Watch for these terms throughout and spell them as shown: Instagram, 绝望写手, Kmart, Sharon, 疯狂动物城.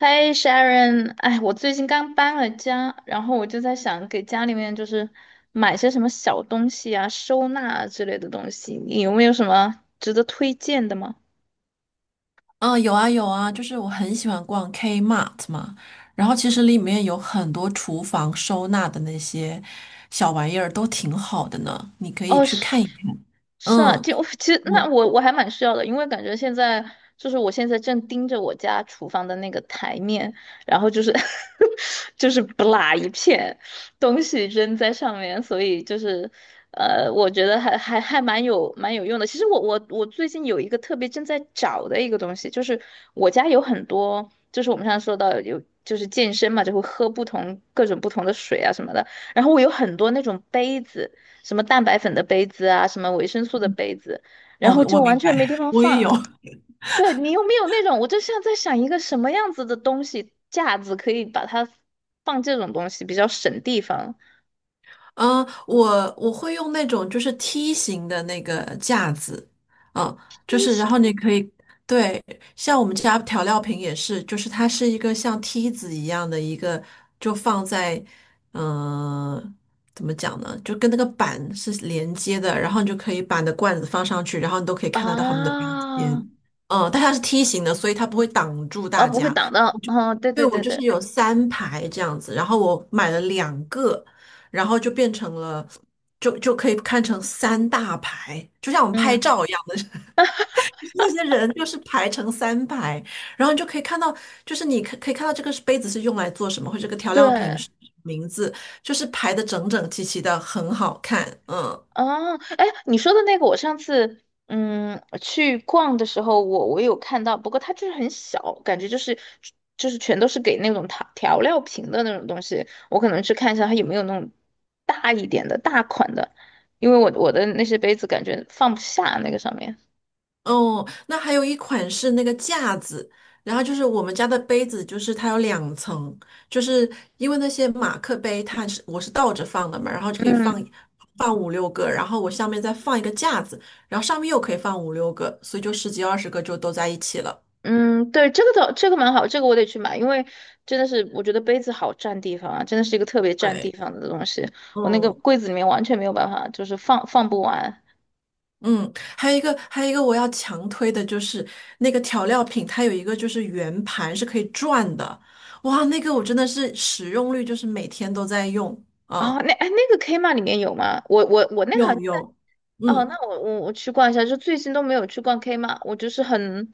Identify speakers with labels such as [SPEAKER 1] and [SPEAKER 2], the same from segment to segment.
[SPEAKER 1] 嗨，Sharon，哎，我最近刚搬了家，然后我就在想给家里面就是买些什么小东西啊、收纳啊之类的东西，你有没有什么值得推荐的吗？
[SPEAKER 2] 嗯，有啊有啊，就是我很喜欢逛 Kmart 嘛，然后其实里面有很多厨房收纳的那些小玩意儿都挺好的呢，你可以
[SPEAKER 1] 哦，
[SPEAKER 2] 去
[SPEAKER 1] 是。
[SPEAKER 2] 看一看。
[SPEAKER 1] 是啊，
[SPEAKER 2] 嗯，
[SPEAKER 1] 就 其实那
[SPEAKER 2] 我
[SPEAKER 1] 我还蛮需要的，因为感觉现在就是我现在正盯着我家厨房的那个台面，然后就是 就是不拉一片东西扔在上面，所以就是我觉得还蛮有用的。其实我最近有一个特别正在找的一个东西，就是我家有很多，就是我们上次说到有就是健身嘛，就会喝不同各种不同的水啊什么的，然后我有很多那种杯子。什么蛋白粉的杯子啊，什么维生素的杯子，然
[SPEAKER 2] 我
[SPEAKER 1] 后就
[SPEAKER 2] 我
[SPEAKER 1] 完
[SPEAKER 2] 明白，
[SPEAKER 1] 全没地 方
[SPEAKER 2] 我也
[SPEAKER 1] 放。
[SPEAKER 2] 有。
[SPEAKER 1] 对，你有没有那种？我就像在想一个什么样子的东西架子可以把它放这种东西，比较省地方
[SPEAKER 2] 嗯，我会用那种就是梯形的那个架子，嗯，就
[SPEAKER 1] 一
[SPEAKER 2] 是然
[SPEAKER 1] 型，
[SPEAKER 2] 后你可以，对，像我们家调料瓶也是，就是它是一个像梯子一样的一个，就放在，嗯、怎么讲呢，就跟那个板是连接的，然后你就可以把你的罐子放上去，然后你都可以看得到它们的标签，
[SPEAKER 1] 啊，
[SPEAKER 2] 嗯，但它是梯形的，所以它不会挡住
[SPEAKER 1] 而
[SPEAKER 2] 大
[SPEAKER 1] 不会
[SPEAKER 2] 家，
[SPEAKER 1] 挡到。哦，对
[SPEAKER 2] 对，
[SPEAKER 1] 对
[SPEAKER 2] 我
[SPEAKER 1] 对
[SPEAKER 2] 就是
[SPEAKER 1] 对，
[SPEAKER 2] 有三排这样子，然后我买了两个，然后就变成了，就可以看成三大排，就像我们拍
[SPEAKER 1] 嗯，
[SPEAKER 2] 照一样的，就是那些人就是排成三排，然后你就可以看到，就是你可以看到这个杯子是用来做什么，或者这个调料瓶是
[SPEAKER 1] 对，
[SPEAKER 2] 什么名字，就是排的整整齐齐的，很好看，嗯。
[SPEAKER 1] 哦，哎，你说的那个，我上次去逛的时候，我有看到，不过它就是很小，感觉就是全都是给那种调料瓶的那种东西。我可能去看一下它有没有那种大一点的大款的，因为我的那些杯子感觉放不下那个上面。
[SPEAKER 2] 哦，那还有一款是那个架子，然后就是我们家的杯子，就是它有两层，就是因为那些马克杯它是我是倒着放的嘛，然后就可以
[SPEAKER 1] 嗯
[SPEAKER 2] 放五六个，然后我下面再放一个架子，然后上面又可以放五六个，所以就十几二十个就都在一起了。
[SPEAKER 1] 嗯，对，这个倒这个蛮好，这个我得去买，因为真的是我觉得杯子好占地方啊，真的是一个特别占地
[SPEAKER 2] 对，
[SPEAKER 1] 方的东西。我那个
[SPEAKER 2] 嗯
[SPEAKER 1] 柜子里面完全没有办法，就是放不完。
[SPEAKER 2] 嗯，还有一个还有一个我要强推的就是那个调料品，它有一个就是圆盘是可以转的，哇，那个我真的是使用率就是每天都在用。嗯
[SPEAKER 1] 哦，那哎，那个 k m a 里面有吗？我那个好
[SPEAKER 2] 有
[SPEAKER 1] 像在
[SPEAKER 2] 有，
[SPEAKER 1] 哦，
[SPEAKER 2] 嗯，
[SPEAKER 1] 那我去逛一下，就最近都没有去逛 k m a 我就是很，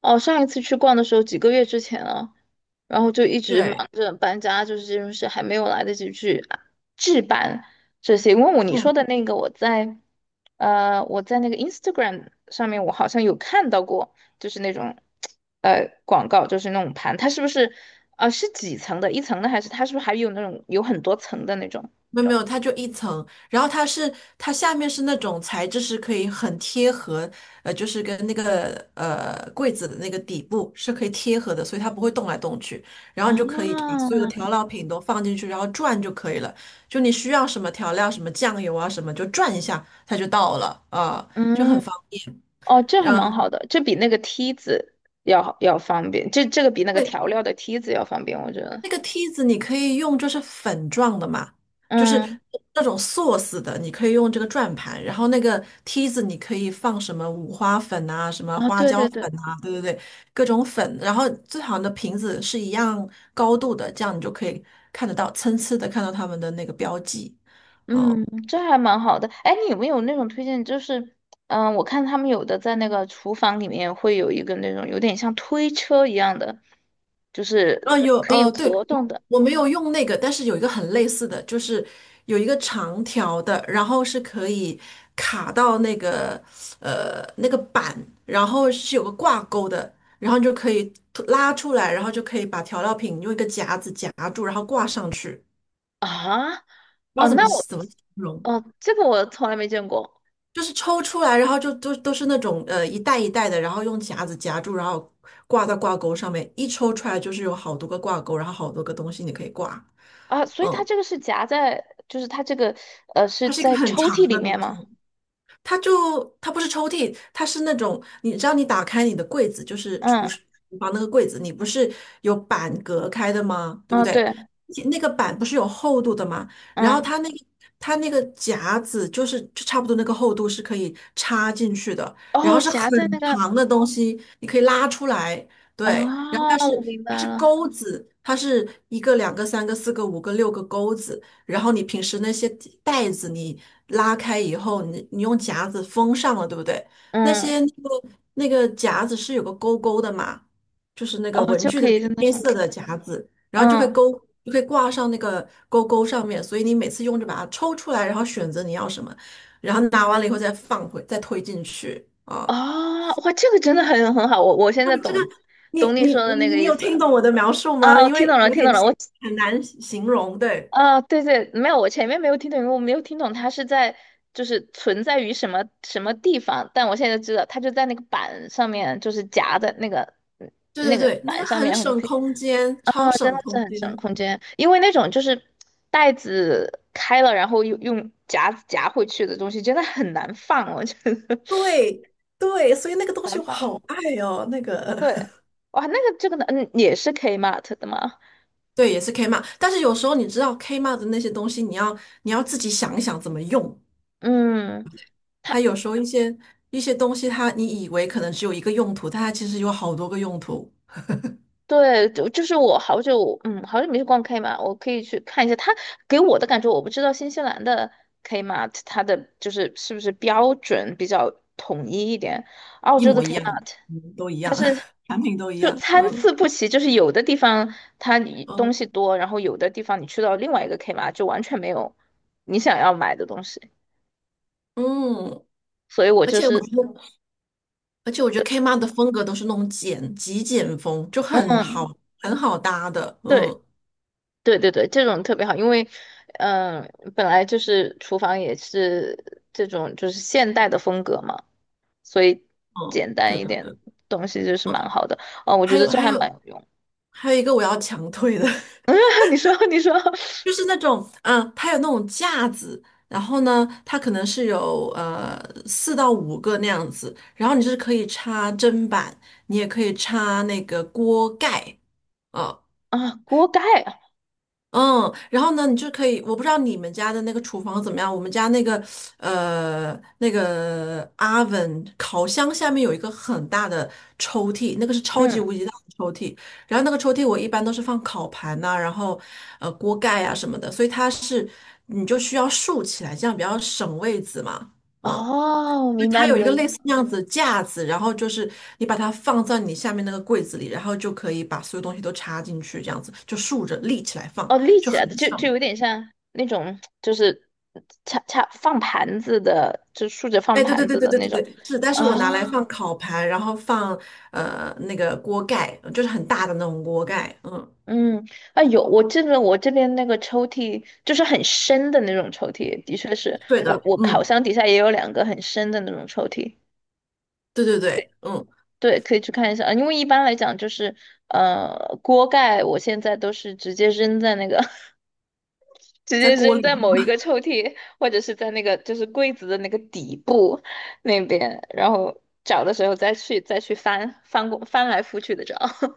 [SPEAKER 1] 哦，上一次去逛的时候几个月之前了，然后就一直忙
[SPEAKER 2] 对，
[SPEAKER 1] 着搬家，就是这种事还没有来得及去啊置办这些。因为我你说
[SPEAKER 2] 嗯，
[SPEAKER 1] 的那个，我在那个 Instagram 上面，我好像有看到过，就是那种广告，就是那种盘，它是不是是几层的，一层的还是它是不是还有那种有很多层的那种？
[SPEAKER 2] 没有没有，它就一层，然后它是它下面是那种材质是可以很贴合，就是跟那个柜子的那个底部是可以贴合的，所以它不会动来动去，然后你就可以把
[SPEAKER 1] 啊，
[SPEAKER 2] 所有的调料品都放进去，然后转就可以了。就你需要什么调料，什么酱油啊什么，就转一下它就到了，啊、就很
[SPEAKER 1] 嗯，
[SPEAKER 2] 方便。
[SPEAKER 1] 哦，这还
[SPEAKER 2] 嗯，
[SPEAKER 1] 蛮好的，这比那个梯子要好要方便，这个比那个
[SPEAKER 2] 会。
[SPEAKER 1] 调料的梯子要方便，我觉得。
[SPEAKER 2] 那个梯子你可以用，就是粉状的嘛，就是
[SPEAKER 1] 嗯，
[SPEAKER 2] 那种 sauce 的，你可以用这个转盘。然后那个梯子你可以放什么五花粉啊，什么
[SPEAKER 1] 啊，
[SPEAKER 2] 花
[SPEAKER 1] 对
[SPEAKER 2] 椒
[SPEAKER 1] 对对，
[SPEAKER 2] 粉啊，对对对，各种粉。然后最好的瓶子是一样高度的，这样你就可以看得到，参差的看到它们的那个标记。嗯，
[SPEAKER 1] 嗯，这还蛮好的。哎，你有没有那种推荐？就是，我看他们有的在那个厨房里面会有一个那种有点像推车一样的，就是
[SPEAKER 2] 啊，有
[SPEAKER 1] 可以
[SPEAKER 2] 对，
[SPEAKER 1] 活动
[SPEAKER 2] 我
[SPEAKER 1] 的
[SPEAKER 2] 我没有用那个，但是有一个很类似的，就是有一个长条的，然后是可以卡到那个那个板，然后是有个挂钩的，然后你就可以突拉出来，然后就可以把调料品用一个夹子夹住，然后挂上去。
[SPEAKER 1] 啊。
[SPEAKER 2] 不知
[SPEAKER 1] 哦，
[SPEAKER 2] 道怎么
[SPEAKER 1] 那我，
[SPEAKER 2] 怎么形容，
[SPEAKER 1] 哦，这个我从来没见过
[SPEAKER 2] 就是抽出来，然后就都是那种一袋一袋的，然后用夹子夹住，然后挂到挂钩上面，一抽出来就是有好多个挂钩，然后好多个东西你可以挂。
[SPEAKER 1] 啊，所以它
[SPEAKER 2] 嗯，
[SPEAKER 1] 这个是夹在，就是它这个，是
[SPEAKER 2] 它是一个
[SPEAKER 1] 在
[SPEAKER 2] 很
[SPEAKER 1] 抽
[SPEAKER 2] 长
[SPEAKER 1] 屉里
[SPEAKER 2] 的东
[SPEAKER 1] 面
[SPEAKER 2] 西，
[SPEAKER 1] 吗？
[SPEAKER 2] 它就它不是抽屉，它是那种你知道你打开你的柜子，就是
[SPEAKER 1] 嗯
[SPEAKER 2] 厨房那个柜子，你不是有板隔开的吗？对不
[SPEAKER 1] 嗯，
[SPEAKER 2] 对？
[SPEAKER 1] 对，
[SPEAKER 2] 那个板不是有厚度的吗？然后
[SPEAKER 1] 嗯，
[SPEAKER 2] 它那个它那个夹子就是就差不多那个厚度是可以插进去的，然后
[SPEAKER 1] 哦，
[SPEAKER 2] 是很
[SPEAKER 1] 夹在那个，
[SPEAKER 2] 长的东西，你可以拉出来，对，然后
[SPEAKER 1] 啊，
[SPEAKER 2] 它是
[SPEAKER 1] 我明
[SPEAKER 2] 它
[SPEAKER 1] 白
[SPEAKER 2] 是
[SPEAKER 1] 了，
[SPEAKER 2] 钩子，它是一个两个三个四个五个六个钩子。然后你平时那些袋子你拉开以后，你用夹子封上了，对不对？那
[SPEAKER 1] 嗯，
[SPEAKER 2] 些那个那个夹子是有个勾勾的嘛，就是那个
[SPEAKER 1] 哦，
[SPEAKER 2] 文
[SPEAKER 1] 就
[SPEAKER 2] 具的
[SPEAKER 1] 可以
[SPEAKER 2] 那
[SPEAKER 1] 在
[SPEAKER 2] 个
[SPEAKER 1] 那
[SPEAKER 2] 黑
[SPEAKER 1] 上，
[SPEAKER 2] 色的夹子，然后就会
[SPEAKER 1] 嗯，
[SPEAKER 2] 勾，就会挂上那个勾勾上面，所以你每次用就把它抽出来，然后选择你要什么，然后拿完了以后再放回，再推进去啊。
[SPEAKER 1] 哦，哇，这个真的很好，我现
[SPEAKER 2] 那
[SPEAKER 1] 在
[SPEAKER 2] 么这个
[SPEAKER 1] 懂，
[SPEAKER 2] 你
[SPEAKER 1] 懂你
[SPEAKER 2] 你
[SPEAKER 1] 说的
[SPEAKER 2] 你
[SPEAKER 1] 那个
[SPEAKER 2] 你
[SPEAKER 1] 意
[SPEAKER 2] 有
[SPEAKER 1] 思
[SPEAKER 2] 听
[SPEAKER 1] 了，
[SPEAKER 2] 懂我的描述吗？
[SPEAKER 1] 啊，我
[SPEAKER 2] 因
[SPEAKER 1] 听
[SPEAKER 2] 为
[SPEAKER 1] 懂了，
[SPEAKER 2] 有
[SPEAKER 1] 听
[SPEAKER 2] 点
[SPEAKER 1] 懂了，我，
[SPEAKER 2] 很难形容，对。
[SPEAKER 1] 啊，对对，没有，我前面没有听懂，因为我没有听懂它是在，就是存在于什么什么地方，但我现在知道，它就在那个板上面，就是夹在嗯
[SPEAKER 2] 对
[SPEAKER 1] 那
[SPEAKER 2] 对
[SPEAKER 1] 个
[SPEAKER 2] 对，那个
[SPEAKER 1] 板上面，
[SPEAKER 2] 很
[SPEAKER 1] 然后就
[SPEAKER 2] 省
[SPEAKER 1] 可以。
[SPEAKER 2] 空间，超
[SPEAKER 1] 啊，真
[SPEAKER 2] 省
[SPEAKER 1] 的是
[SPEAKER 2] 空
[SPEAKER 1] 很
[SPEAKER 2] 间。
[SPEAKER 1] 省空间，因为那种就是袋子开了，然后用夹子夹回去的东西，真的很难放，我觉得
[SPEAKER 2] 对对，所以那个 东
[SPEAKER 1] 难
[SPEAKER 2] 西我
[SPEAKER 1] 放。
[SPEAKER 2] 好爱哦，那个
[SPEAKER 1] 对，哇，那个这个呢，也是 Kmart 的吗？
[SPEAKER 2] 对，也是 Kmart,但是有时候你知道 Kmart 的那些东西，你要自己想一想怎么用。
[SPEAKER 1] 嗯，他
[SPEAKER 2] 它有时候一些东西它，你以为可能只有一个用途，但它其实有好多个用途，
[SPEAKER 1] 对，就是我好久，嗯，好久没去逛 Kmart,我可以去看一下。他给我的感觉，我不知道新西兰的 Kmart 它的就是是不是标准比较统一一点，澳
[SPEAKER 2] 一
[SPEAKER 1] 洲的
[SPEAKER 2] 模一样，
[SPEAKER 1] Kmart。
[SPEAKER 2] 嗯都一样，产品都一
[SPEAKER 1] 就
[SPEAKER 2] 样。
[SPEAKER 1] 参
[SPEAKER 2] 嗯
[SPEAKER 1] 差不齐，就是有的地方它你
[SPEAKER 2] 嗯
[SPEAKER 1] 东西多，然后有的地方你去到另外一个 k m 就完全没有你想要买的东西，
[SPEAKER 2] 嗯，
[SPEAKER 1] 所以我
[SPEAKER 2] 而
[SPEAKER 1] 就
[SPEAKER 2] 且我
[SPEAKER 1] 是，
[SPEAKER 2] 觉得，而且我觉得 Kmart 的风格都是那种简极简风，就很
[SPEAKER 1] 嗯，
[SPEAKER 2] 好很好搭的。
[SPEAKER 1] 对
[SPEAKER 2] 嗯
[SPEAKER 1] 对对对，这种特别好，因为，本来就是厨房也是这种就是现代的风格嘛，所以
[SPEAKER 2] 嗯，
[SPEAKER 1] 简
[SPEAKER 2] 对
[SPEAKER 1] 单一
[SPEAKER 2] 的对
[SPEAKER 1] 点
[SPEAKER 2] 的。
[SPEAKER 1] 东西就是
[SPEAKER 2] 哦，
[SPEAKER 1] 蛮好的，哦，我觉
[SPEAKER 2] 还
[SPEAKER 1] 得
[SPEAKER 2] 有
[SPEAKER 1] 这
[SPEAKER 2] 还
[SPEAKER 1] 还蛮
[SPEAKER 2] 有
[SPEAKER 1] 有用。
[SPEAKER 2] 还有一个我要强推的，
[SPEAKER 1] 你说
[SPEAKER 2] 就是那种嗯，它有那种架子，然后呢，它可能是有四到五个那样子，然后你就是可以插砧板，你也可以插那个锅盖。呃
[SPEAKER 1] 啊，锅盖啊，
[SPEAKER 2] 嗯，然后呢，你就可以，我不知道你们家的那个厨房怎么样，我们家那个那个 oven 烤箱下面有一个很大的抽屉，那个是超级
[SPEAKER 1] 嗯，
[SPEAKER 2] 无敌大的抽屉，然后那个抽屉我一般都是放烤盘呐、然后锅盖啊什么的，所以它是你就需要竖起来，这样比较省位子嘛，嗯。
[SPEAKER 1] 哦，
[SPEAKER 2] 就
[SPEAKER 1] 明白
[SPEAKER 2] 它有
[SPEAKER 1] 你
[SPEAKER 2] 一
[SPEAKER 1] 的
[SPEAKER 2] 个
[SPEAKER 1] 意
[SPEAKER 2] 类
[SPEAKER 1] 思。
[SPEAKER 2] 似那样子的架子，然后就是你把它放在你下面那个柜子里，然后就可以把所有东西都插进去，这样子就竖着立起来放，
[SPEAKER 1] 哦，立
[SPEAKER 2] 就
[SPEAKER 1] 起
[SPEAKER 2] 很
[SPEAKER 1] 来的，就
[SPEAKER 2] 爽。
[SPEAKER 1] 有点像那种，就是恰恰放盘子的，就竖着放
[SPEAKER 2] 哎，对对
[SPEAKER 1] 盘
[SPEAKER 2] 对
[SPEAKER 1] 子
[SPEAKER 2] 对
[SPEAKER 1] 的
[SPEAKER 2] 对
[SPEAKER 1] 那
[SPEAKER 2] 对
[SPEAKER 1] 种
[SPEAKER 2] 对，是，但
[SPEAKER 1] 啊。
[SPEAKER 2] 是我拿来放烤盘，然后放那个锅盖，就是很大的那种锅盖，嗯，
[SPEAKER 1] 嗯，啊有，我这边那个抽屉就是很深的那种抽屉，的确是
[SPEAKER 2] 对
[SPEAKER 1] 我
[SPEAKER 2] 的，
[SPEAKER 1] 我烤
[SPEAKER 2] 嗯，
[SPEAKER 1] 箱底下也有两个很深的那种抽屉，
[SPEAKER 2] 对对对，嗯，
[SPEAKER 1] 对，可以去看一下。啊因为一般来讲就是锅盖，我现在都是直接扔在那个 直
[SPEAKER 2] 在
[SPEAKER 1] 接
[SPEAKER 2] 锅
[SPEAKER 1] 扔
[SPEAKER 2] 里。
[SPEAKER 1] 在某一个抽屉，或者是在那个就是柜子的那个底部那边，然后找的时候再去翻来覆去的找。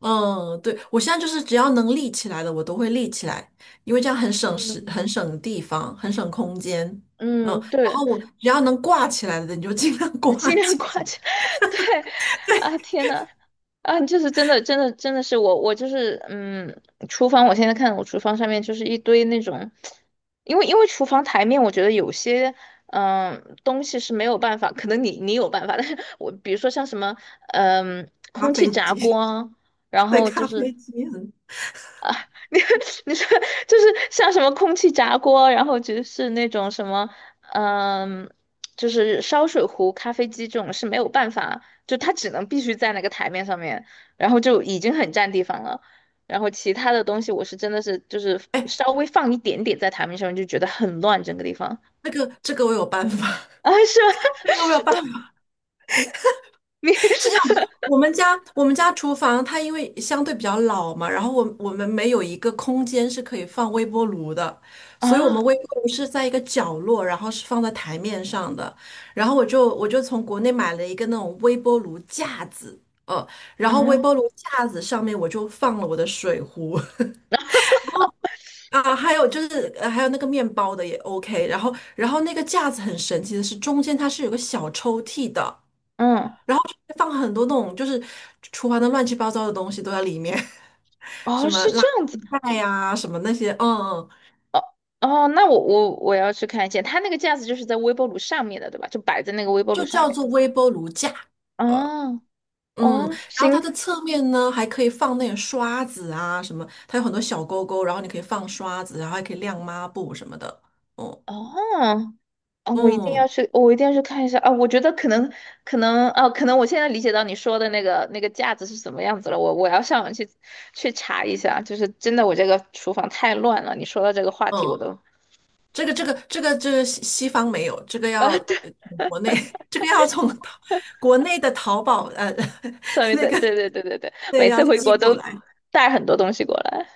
[SPEAKER 2] 嗯，对，我现在就是只要能立起来的，我都会立起来，因为这样很省时、
[SPEAKER 1] 嗯，
[SPEAKER 2] 很省地方、很省空间。嗯，
[SPEAKER 1] 嗯，
[SPEAKER 2] 然
[SPEAKER 1] 对，
[SPEAKER 2] 后我只要能挂起来的，你就尽量 挂
[SPEAKER 1] 尽量
[SPEAKER 2] 起
[SPEAKER 1] 挂
[SPEAKER 2] 来。
[SPEAKER 1] 起。对，啊，天呐，啊，就是真的，真的，真的是我，我就是，嗯，厨房，我现在看我厨房上面就是一堆那种，因为厨房台面，我觉得有些，东西是没有办法，可能你有办法，但是我比如说像什么，
[SPEAKER 2] 咖
[SPEAKER 1] 空气
[SPEAKER 2] 啡
[SPEAKER 1] 炸锅
[SPEAKER 2] 机，
[SPEAKER 1] 啊，然
[SPEAKER 2] 对，
[SPEAKER 1] 后就
[SPEAKER 2] 咖
[SPEAKER 1] 是
[SPEAKER 2] 啡机很，
[SPEAKER 1] 你 你说就是像什么空气炸锅，然后就是那种什么，嗯，就是烧水壶、咖啡机这种是没有办法，就它只能必须在那个台面上面，然后就已经很占地方了。然后其他的东西，我是真的是就是
[SPEAKER 2] 哎，
[SPEAKER 1] 稍微放一点点在台面上面，就觉得很乱整个地方
[SPEAKER 2] 这个我有办法，
[SPEAKER 1] 啊，是吗？
[SPEAKER 2] 这个我有办法。
[SPEAKER 1] 你
[SPEAKER 2] 是这样的，我们家厨房它因为相对比较老嘛，然后我们没有一个空间是可以放微波炉的，所以我
[SPEAKER 1] 啊，
[SPEAKER 2] 们微波炉是在一个角落，然后是放在台面上的。然后我就从国内买了一个那种微波炉架子，呃，然后微
[SPEAKER 1] 嗯
[SPEAKER 2] 波炉架子上面我就放了我的水壶 啊，还有就是还有那个面包的也 OK。然后那个架子很神奇的是中间它是有个小抽屉的。
[SPEAKER 1] 嗯，
[SPEAKER 2] 然后就会放很多那种就是厨房的乱七八糟的东西都在里面，什
[SPEAKER 1] 哦，
[SPEAKER 2] 么
[SPEAKER 1] 是
[SPEAKER 2] 垃
[SPEAKER 1] 这样子。
[SPEAKER 2] 圾袋呀、什么那些，嗯嗯，
[SPEAKER 1] 哦，那我要去看一下，它那个架子就是在微波炉上面的，对吧？就摆在那个微波炉
[SPEAKER 2] 就
[SPEAKER 1] 上
[SPEAKER 2] 叫
[SPEAKER 1] 面。
[SPEAKER 2] 做微波炉架，呃
[SPEAKER 1] 哦
[SPEAKER 2] 嗯，
[SPEAKER 1] 哦，
[SPEAKER 2] 然后
[SPEAKER 1] 行
[SPEAKER 2] 它的侧面呢还可以放那种刷子啊什么，它有很多小钩钩，然后你可以放刷子，然后还可以晾抹布什么的，哦，
[SPEAKER 1] 哦哦，我一定要
[SPEAKER 2] 嗯
[SPEAKER 1] 去，我一定要去看一下啊！我觉得可能我现在理解到你说的那个架子是什么样子了。我要上网去查一下，就是真的，我这个厨房太乱了。你说到这个话题，我
[SPEAKER 2] 嗯，
[SPEAKER 1] 都
[SPEAKER 2] 这个西西方没有，这个要
[SPEAKER 1] 啊，对，
[SPEAKER 2] 呃国内 这个要从 淘国内的淘宝
[SPEAKER 1] 上 面
[SPEAKER 2] 那
[SPEAKER 1] 对
[SPEAKER 2] 个
[SPEAKER 1] 对对对对对，
[SPEAKER 2] 对
[SPEAKER 1] 每次
[SPEAKER 2] 要
[SPEAKER 1] 回
[SPEAKER 2] 寄
[SPEAKER 1] 国都
[SPEAKER 2] 过来。
[SPEAKER 1] 带很多东西过来。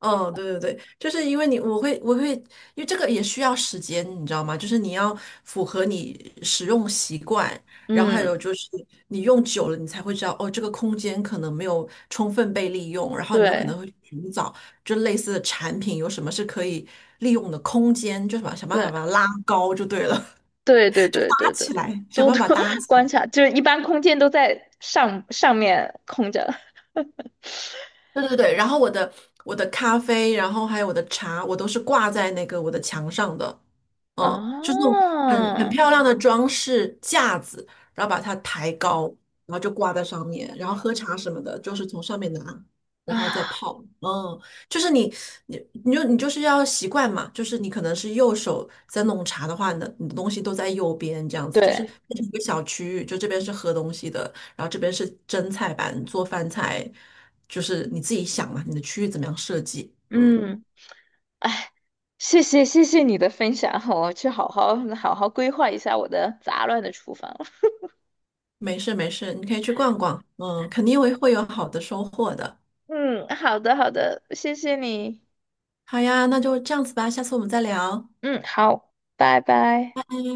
[SPEAKER 2] 哦，对对对，就是因为你，我会，因为这个也需要时间，你知道吗？就是你要符合你使用习惯，然后还
[SPEAKER 1] 嗯，
[SPEAKER 2] 有就是你用久了，你才会知道哦，这个空间可能没有充分被利用，然后你就可能
[SPEAKER 1] 对
[SPEAKER 2] 会寻找就类似的产品有什么是可以利用的空间，就什么想办法把它
[SPEAKER 1] 对
[SPEAKER 2] 拉高就对了，
[SPEAKER 1] 对对
[SPEAKER 2] 就搭
[SPEAKER 1] 对对对，
[SPEAKER 2] 起来，想
[SPEAKER 1] 多
[SPEAKER 2] 办
[SPEAKER 1] 多
[SPEAKER 2] 法搭 起来。
[SPEAKER 1] 观察，就是一般空间都在上面空着。
[SPEAKER 2] 对对对，然后我的咖啡，然后还有我的茶，我都是挂在那个我的墙上的，嗯，就是那种很很
[SPEAKER 1] 啊
[SPEAKER 2] 漂亮的装饰架子，然后把它抬高，然后就挂在上面，然后喝茶什么的，就是从上面拿，然后再
[SPEAKER 1] 啊，
[SPEAKER 2] 泡，嗯，就是你你就你就是要习惯嘛，就是你可能是右手在弄茶的话，你的东西都在右边这样子，就是
[SPEAKER 1] 对，
[SPEAKER 2] 变成一个小区域，就这边是喝东西的，然后这边是蒸菜板，做饭菜，就是你自己想嘛，你的区域怎么样设计？嗯，
[SPEAKER 1] 嗯，哎，谢谢你的分享，我去好好规划一下我的杂乱的厨房。
[SPEAKER 2] 没事没事，你可以去逛逛，嗯，肯定会有好的收获的。
[SPEAKER 1] 嗯，好的好的，谢谢你。
[SPEAKER 2] 好呀，那就这样子吧，下次我们再聊，
[SPEAKER 1] 嗯，好，拜拜。
[SPEAKER 2] 拜。